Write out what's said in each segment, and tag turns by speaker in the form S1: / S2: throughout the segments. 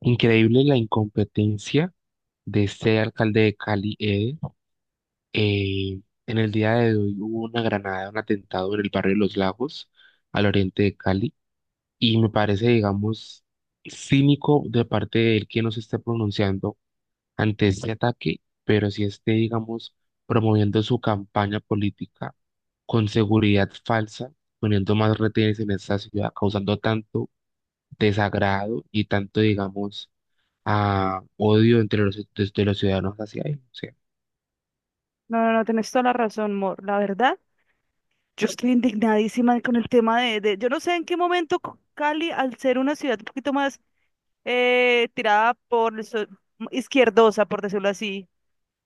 S1: Increíble la incompetencia de este alcalde de Cali, Eder. Eh, en el día de hoy hubo una granada, un atentado en el barrio de Los Lagos, al oriente de Cali, y me parece, digamos, cínico de parte de él que no se esté pronunciando ante este ataque, pero sí esté, digamos, promoviendo su campaña política con seguridad falsa, poniendo más retenes en esta ciudad, causando tanto desagrado y tanto, digamos, a odio entre los, de los ciudadanos hacia él. Sí.
S2: No, no, no, tenés toda la razón, Mor. La verdad, yo estoy indignadísima con el tema yo no sé en qué momento Cali, al ser una ciudad un poquito más tirada por el izquierdosa,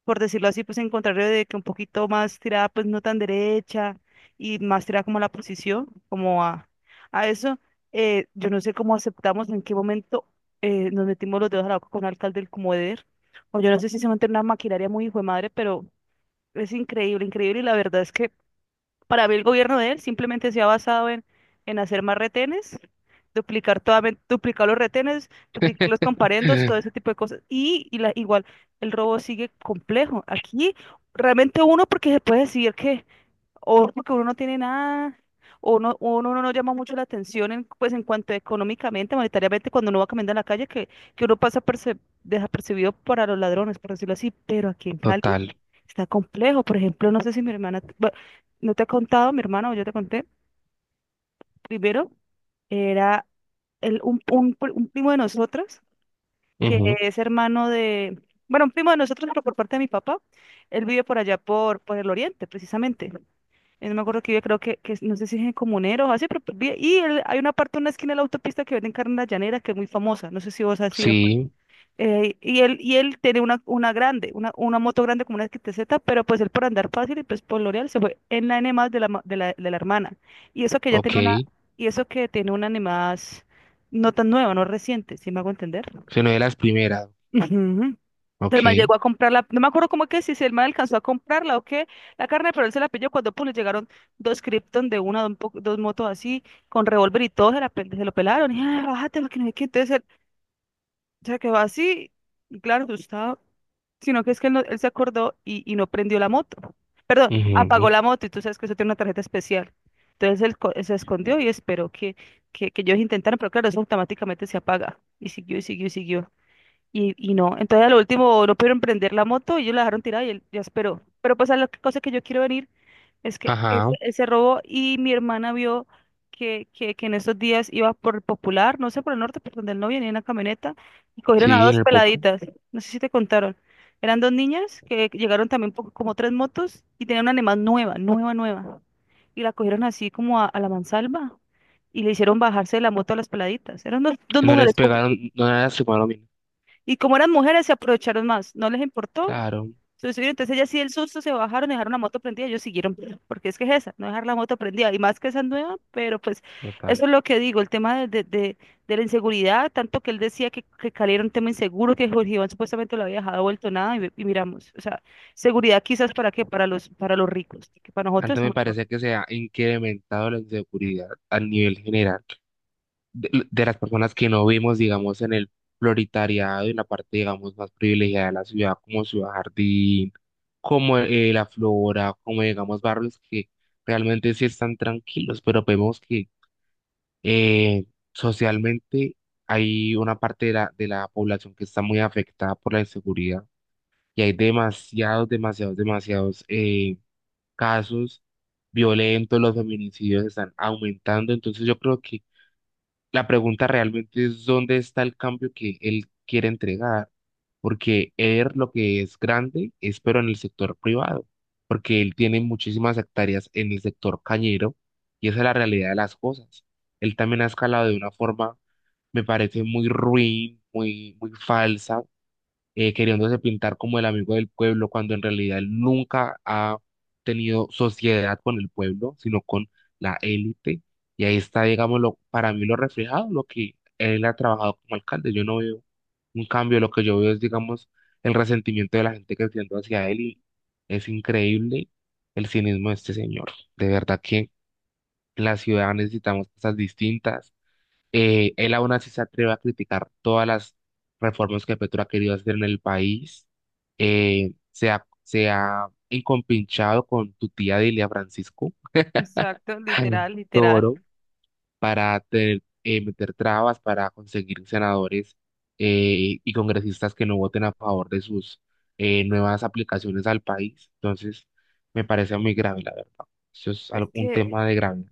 S2: por decirlo así, pues en contrario de que un poquito más tirada, pues no tan derecha y más tirada como a la posición, como a eso, yo no sé cómo aceptamos, en qué momento nos metimos los dedos a la boca con un alcalde del Comodero, o yo no sé si se mantiene una maquinaria muy hijo de madre, pero es increíble, increíble. Y la verdad es que para mí el gobierno de él simplemente se ha basado en hacer más retenes, duplicar, toda, duplicar los retenes, duplicar los comparendos, todo ese tipo de cosas. Y la, igual, el robo sigue complejo. Aquí realmente uno porque se puede decir que o porque uno no tiene nada, o uno no llama mucho la atención en, pues en cuanto económicamente, monetariamente, cuando uno va caminando en la calle, que uno pasa desapercibido para los ladrones, por decirlo así, pero aquí en Cali
S1: Total.
S2: está complejo. Por ejemplo, no sé si mi hermana, bueno, no te he contado, mi hermana o yo te conté, primero era el, un pri- un primo de nosotros, que
S1: Ujú.
S2: es hermano de, bueno, un primo de nosotros, pero por parte de mi papá, él vive por allá, por el oriente, precisamente no me acuerdo que vive, creo que no sé si es en Comunero o así, pero pues, hay una parte, una esquina de la autopista que venden carne en la llanera que es muy famosa, no sé si vos has ido, pues.
S1: Sí,
S2: Y él tiene una grande, una moto grande como una XTZ, pero pues él por andar fácil y pues por L'Oreal se fue en la N más de la, ma- de la hermana. Y eso que ya tiene una,
S1: ok.
S2: y eso que tiene una N más no tan nueva, no reciente, si me hago entender.
S1: Se no de las primeras.
S2: Ujú. El man
S1: Ok.
S2: llegó a comprarla, no me acuerdo cómo que si, si el man alcanzó a comprarla o qué, la carne, pero él se la pilló cuando pues, le llegaron dos Krypton de una, dos motos así, con revólver y todo, se, se lo pelaron, y ah, bájate, lo que no sé qué, entonces él se quedó así, y claro, asustado, sino que es que él, él se acordó y no prendió la moto, perdón,
S1: Ujú.
S2: apagó la moto, y tú sabes que eso tiene una tarjeta especial, entonces él se escondió y esperó que, que ellos intentaran, pero claro, eso automáticamente se apaga, y siguió, y siguió, y siguió. Y no, entonces a lo último no pudieron prender la moto y ellos la dejaron tirada y él ya esperó. Pero pues a la cosa que yo quiero venir es que
S1: Ajá.
S2: ese robo y mi hermana vio que en esos días iba por el Popular, no sé, por el norte, por donde él no venía en una camioneta y cogieron a
S1: Sí, en
S2: dos
S1: el popo.
S2: peladitas, no sé si te contaron. Eran dos niñas que llegaron también como tres motos y tenían una animal nueva, nueva, nueva. Y la cogieron así como a la mansalva y le hicieron bajarse de la moto a las peladitas. Eran dos, dos
S1: No les
S2: mujeres.
S1: pegaron, no les lastimaron, mira.
S2: Y como eran mujeres, se aprovecharon más. No les importó.
S1: Claro,
S2: Se subieron, entonces ellas sí el susto se bajaron, y dejaron la moto prendida, ellos siguieron, porque es que es esa, no dejar la moto prendida, y más que esa nueva, pero pues
S1: total.
S2: eso es lo que digo, el tema de la inseguridad, tanto que él decía que Cali era un tema inseguro, que Jorge Iván supuestamente lo había dejado vuelto nada, y miramos, o sea, seguridad quizás para qué, para los ricos, que para nosotros
S1: Antes me
S2: estamos...
S1: parece que se ha incrementado la inseguridad a nivel general de las personas que no vimos, digamos, en el prioritariado, en la parte, digamos, más privilegiada de la ciudad, como Ciudad Jardín, como la Flora, como digamos barrios que realmente sí están tranquilos, pero vemos que eh, socialmente hay una parte de la población que está muy afectada por la inseguridad, y hay demasiados, demasiados, demasiados casos violentos, los feminicidios están aumentando. Entonces yo creo que la pregunta realmente es dónde está el cambio que él quiere entregar, porque él lo que es grande es pero en el sector privado, porque él tiene muchísimas hectáreas en el sector cañero y esa es la realidad de las cosas. Él también ha escalado de una forma, me parece, muy ruin, muy, muy falsa, queriéndose pintar como el amigo del pueblo, cuando en realidad él nunca ha tenido sociedad con el pueblo, sino con la élite. Y ahí está, digámoslo, para mí lo reflejado, lo que él ha trabajado como alcalde. Yo no veo un cambio, lo que yo veo es, digamos, el resentimiento de la gente que siento hacia él, y es increíble el cinismo de este señor. De verdad que la ciudad necesitamos cosas distintas. Él aún así se atreve a criticar todas las reformas que Petro ha querido hacer en el país. Se ha encompinchado con tu tía Delia Francisco
S2: Exacto, literal, literal.
S1: Toro para meter trabas para conseguir senadores y congresistas que no voten a favor de sus nuevas aplicaciones al país. Entonces, me parece muy grave, la verdad. Eso es
S2: Es
S1: un
S2: que,
S1: tema de grave.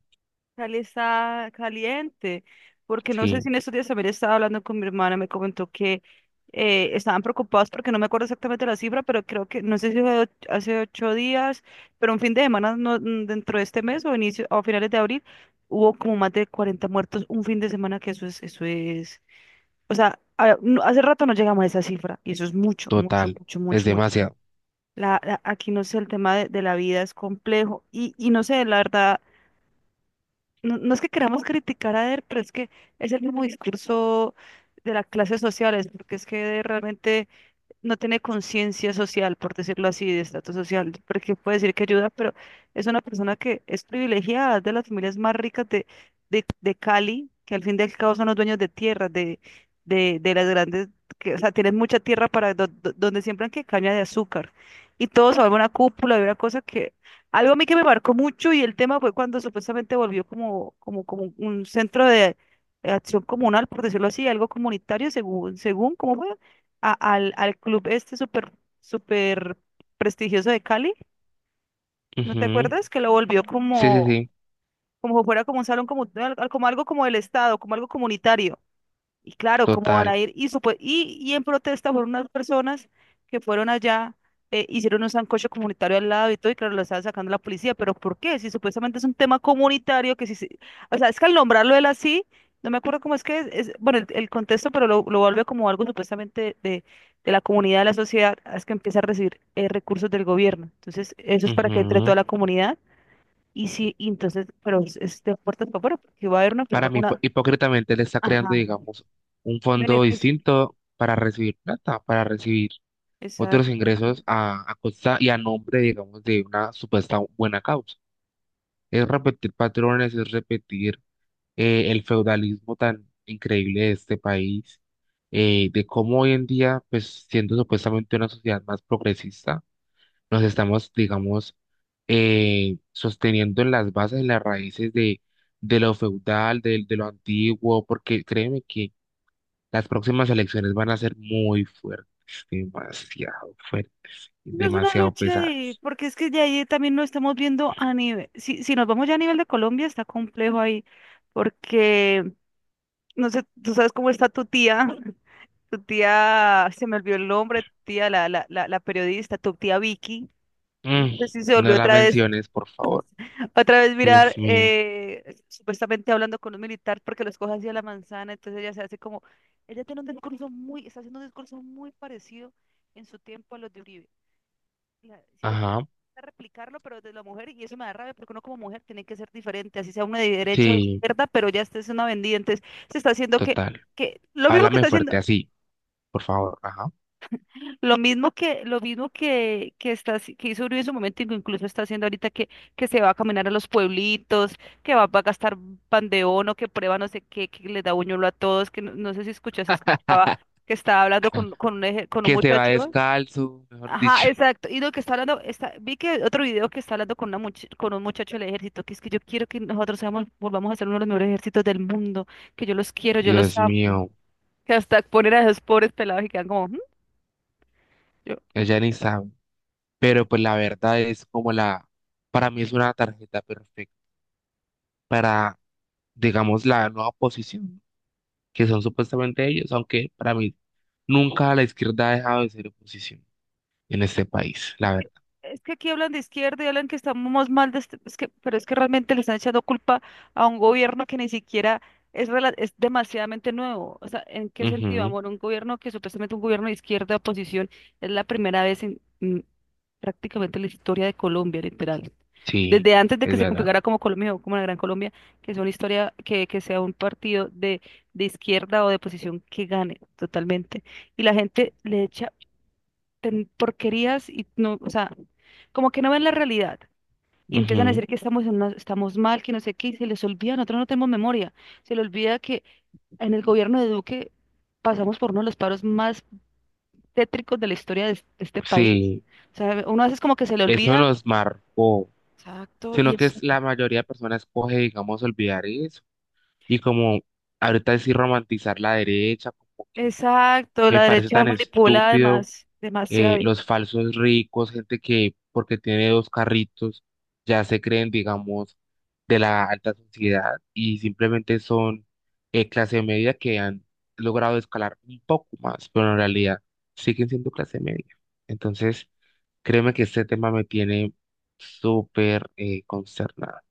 S2: Cali está caliente, porque no sé
S1: Sí,
S2: si en estos días también estaba hablando con mi hermana, me comentó que estaban preocupados porque no me acuerdo exactamente la cifra, pero creo que, no sé si fue hace 8 días, pero un fin de semana dentro de este mes o inicio o finales de abril, hubo como más de 40 muertos un fin de semana, que eso es, o sea, hace rato no llegamos a esa cifra, y eso es mucho, mucho,
S1: total.
S2: mucho,
S1: Es
S2: mucho, mucho.
S1: demasiado.
S2: Aquí no sé, el tema de la vida es complejo y no sé, la verdad no, no es que queramos criticar a Eder, pero es que es el mismo discurso de las clases sociales, porque es que Eder realmente no tiene conciencia social, por decirlo así, de estatus social, porque puede decir que ayuda, pero es una persona que es privilegiada, es de las familias más ricas de Cali, que al fin y al cabo son los dueños de tierras, de las grandes, que, o sea, tienen mucha tierra para donde siembran que caña de azúcar. Y todo se vuelve una cúpula y una cosa que, algo a mí que me marcó mucho y el tema fue cuando supuestamente volvió como, como, como un centro de... acción comunal, por decirlo así, algo comunitario, según, según, ¿cómo fue? Al club este súper, súper prestigioso de Cali. ¿No te sí
S1: Ujú.
S2: acuerdas? Que lo volvió
S1: Sí, sí,
S2: como,
S1: sí.
S2: como si fuera como un salón, como, como algo como el Estado, como algo comunitario. Y claro, ¿cómo van
S1: Total.
S2: a ir? Y en protesta fueron unas personas que fueron allá, hicieron un sancocho comunitario al lado y todo, y claro, lo estaba sacando la policía, pero ¿por qué? Si supuestamente es un tema comunitario, que si, o sea, es que al nombrarlo él así, no me acuerdo cómo es que es, bueno, el contexto, pero lo vuelve como algo supuestamente de la comunidad, de la sociedad, es que empieza a recibir recursos del gobierno. Entonces, eso es para que entre toda
S1: Ujú.
S2: la comunidad. Y sí, y entonces, pero es de puertas para afuera, porque va a haber una,
S1: Para mí,
S2: una,
S1: hipócritamente le está creando,
S2: ajá,
S1: digamos, un fondo
S2: beneficio.
S1: distinto para recibir plata, para recibir otros
S2: Exacto.
S1: ingresos a costa y a nombre, digamos, de una supuesta buena causa. Es repetir patrones, es repetir el feudalismo tan increíble de este país, de cómo hoy en día, pues siendo supuestamente una sociedad más progresista, nos estamos, digamos, sosteniendo en las bases, en las raíces de lo feudal, de lo antiguo, porque créeme que las próximas elecciones van a ser muy fuertes,
S2: No, es una
S1: demasiado
S2: lucha ahí,
S1: pesadas.
S2: porque es que ya ahí también lo estamos viendo a nivel, si, si nos vamos ya a nivel de Colombia, está complejo ahí, porque, no sé, tú sabes cómo está tu tía, tu tía, se me olvidó el nombre, tu tía, la periodista, tu tía Vicky, no
S1: Mm,
S2: sé si se volvió
S1: no
S2: no,
S1: la menciones, por favor.
S2: otra vez mirar,
S1: Dios mío.
S2: supuestamente hablando con un militar, porque los coge así a la manzana, entonces ella se hace como, ella tiene un discurso muy, está haciendo un discurso muy parecido en su tiempo a los de Uribe. Si lo
S1: Ajá.
S2: replicarlo, pero desde la mujer, y eso me da rabia, porque uno como mujer tiene que ser diferente, así sea uno de derecha o de
S1: Sí,
S2: izquierda, pero ya esta es una vendida, entonces se está haciendo
S1: total.
S2: que lo mismo que
S1: Háblame
S2: está haciendo,
S1: fuerte así, por favor. Ajá.
S2: que está, que hizo Uribe en su momento, y que incluso está haciendo ahorita que se va a caminar a los pueblitos, va a gastar pandeón o que prueba no sé qué, que le da buñuelo a todos, que no, no sé si escuchaste, escuchaba que estaba hablando con un, con un
S1: Que se va
S2: muchacho.
S1: descalzo, mejor
S2: Ajá,
S1: dicho.
S2: exacto. Y lo que está hablando, está, vi que otro video que está hablando con, una con un muchacho del ejército, que es que yo quiero que nosotros seamos, volvamos a ser uno de los mejores ejércitos del mundo, que yo los quiero, yo los
S1: Dios
S2: amo,
S1: mío,
S2: que hasta poner a esos pobres pelados y quedan como, "Mm, yo, mm".
S1: ella ni sabe. Pero pues la verdad es como la, para mí es una tarjeta perfecta para, digamos, la nueva oposición, que son supuestamente ellos, aunque para mí nunca la izquierda ha dejado de ser oposición en este país, la
S2: que-
S1: verdad.
S2: Es que aquí hablan de izquierda y hablan que estamos mal, de es que, pero es que realmente le están echando culpa a un gobierno que ni siquiera es, es demasiadamente nuevo. O sea, ¿en qué sentido,
S1: Ujú.
S2: amor? Un gobierno que supuestamente un gobierno de izquierda de oposición es la primera vez en prácticamente la historia de Colombia, literal. Sí,
S1: Sí,
S2: desde antes de
S1: es
S2: que se literal
S1: verdad.
S2: configurara como Colombia o como la Gran Colombia, que sea una historia, que sea un partido de izquierda o de oposición que gane totalmente. Y la gente le echa porquerías y no, o sea, como que no ven la realidad y empiezan a
S1: Ujú.
S2: decir que estamos, estamos mal, que no sé qué, y se les olvida, nosotros no tenemos memoria, se les olvida que en el gobierno de Duque pasamos por uno de los paros más tétricos de la historia de, de este país.
S1: Sí,
S2: O sea, uno a veces como que se le
S1: eso
S2: olvida.
S1: nos marcó,
S2: Exacto,
S1: sino que es, la mayoría de personas coge, digamos, olvidar eso, y como ahorita decir romantizar la derecha, como que
S2: exacto,
S1: me
S2: la
S1: parece
S2: derecha
S1: tan
S2: manipula
S1: estúpido.
S2: además demasiado.
S1: Los falsos ricos, gente que porque tiene dos carritos ya se creen, digamos, de la alta sociedad, y simplemente son clase media que han logrado escalar un poco más, pero en realidad siguen siendo clase media. Entonces, créeme que este tema me tiene súper consternada.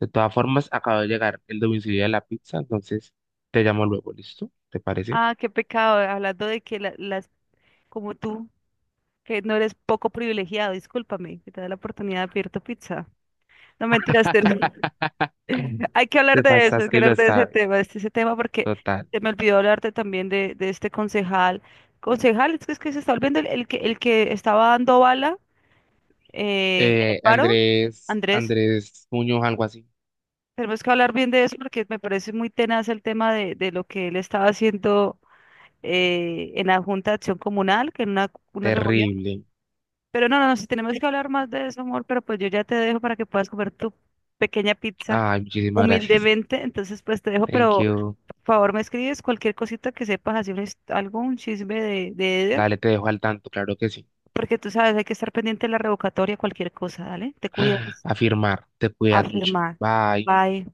S1: De todas formas, acaba de llegar el domicilio de la pizza, entonces te llamo luego, ¿listo? ¿Te parece?
S2: Ah, qué pecado, hablando de que las, como tú, que no eres poco privilegiado, discúlpame, que te da la oportunidad de pedir tu pizza. No mentiras, hay que hablar
S1: Te
S2: de eso, hay que
S1: pasaste y
S2: hablar
S1: lo
S2: de ese
S1: sabes.
S2: tema, de este, ese tema, porque
S1: Total.
S2: se me olvidó hablarte también de este concejal. Concejal, es que se está olvidando el que estaba dando bala en el paro,
S1: Andrés,
S2: Andrés.
S1: Andrés Muñoz, algo así.
S2: Tenemos que hablar bien de eso porque me parece muy tenaz el tema de lo que él estaba haciendo en la Junta de Acción Comunal, que en una reunión.
S1: Terrible.
S2: Pero no, no, no, si tenemos que hablar más de eso, amor, pero pues yo ya te dejo para que puedas comer tu pequeña pizza
S1: Ay, muchísimas gracias.
S2: humildemente. Entonces, pues te dejo,
S1: Thank
S2: pero
S1: you.
S2: favor, me escribes cualquier cosita que sepas, así un algún chisme de Eder,
S1: Dale, te dejo al tanto, claro que sí.
S2: porque tú sabes, hay que estar pendiente de la revocatoria, cualquier cosa, ¿dale? Te cuidas,
S1: Afirmar, te cuidas mucho.
S2: afirmar.
S1: Bye.
S2: Bye.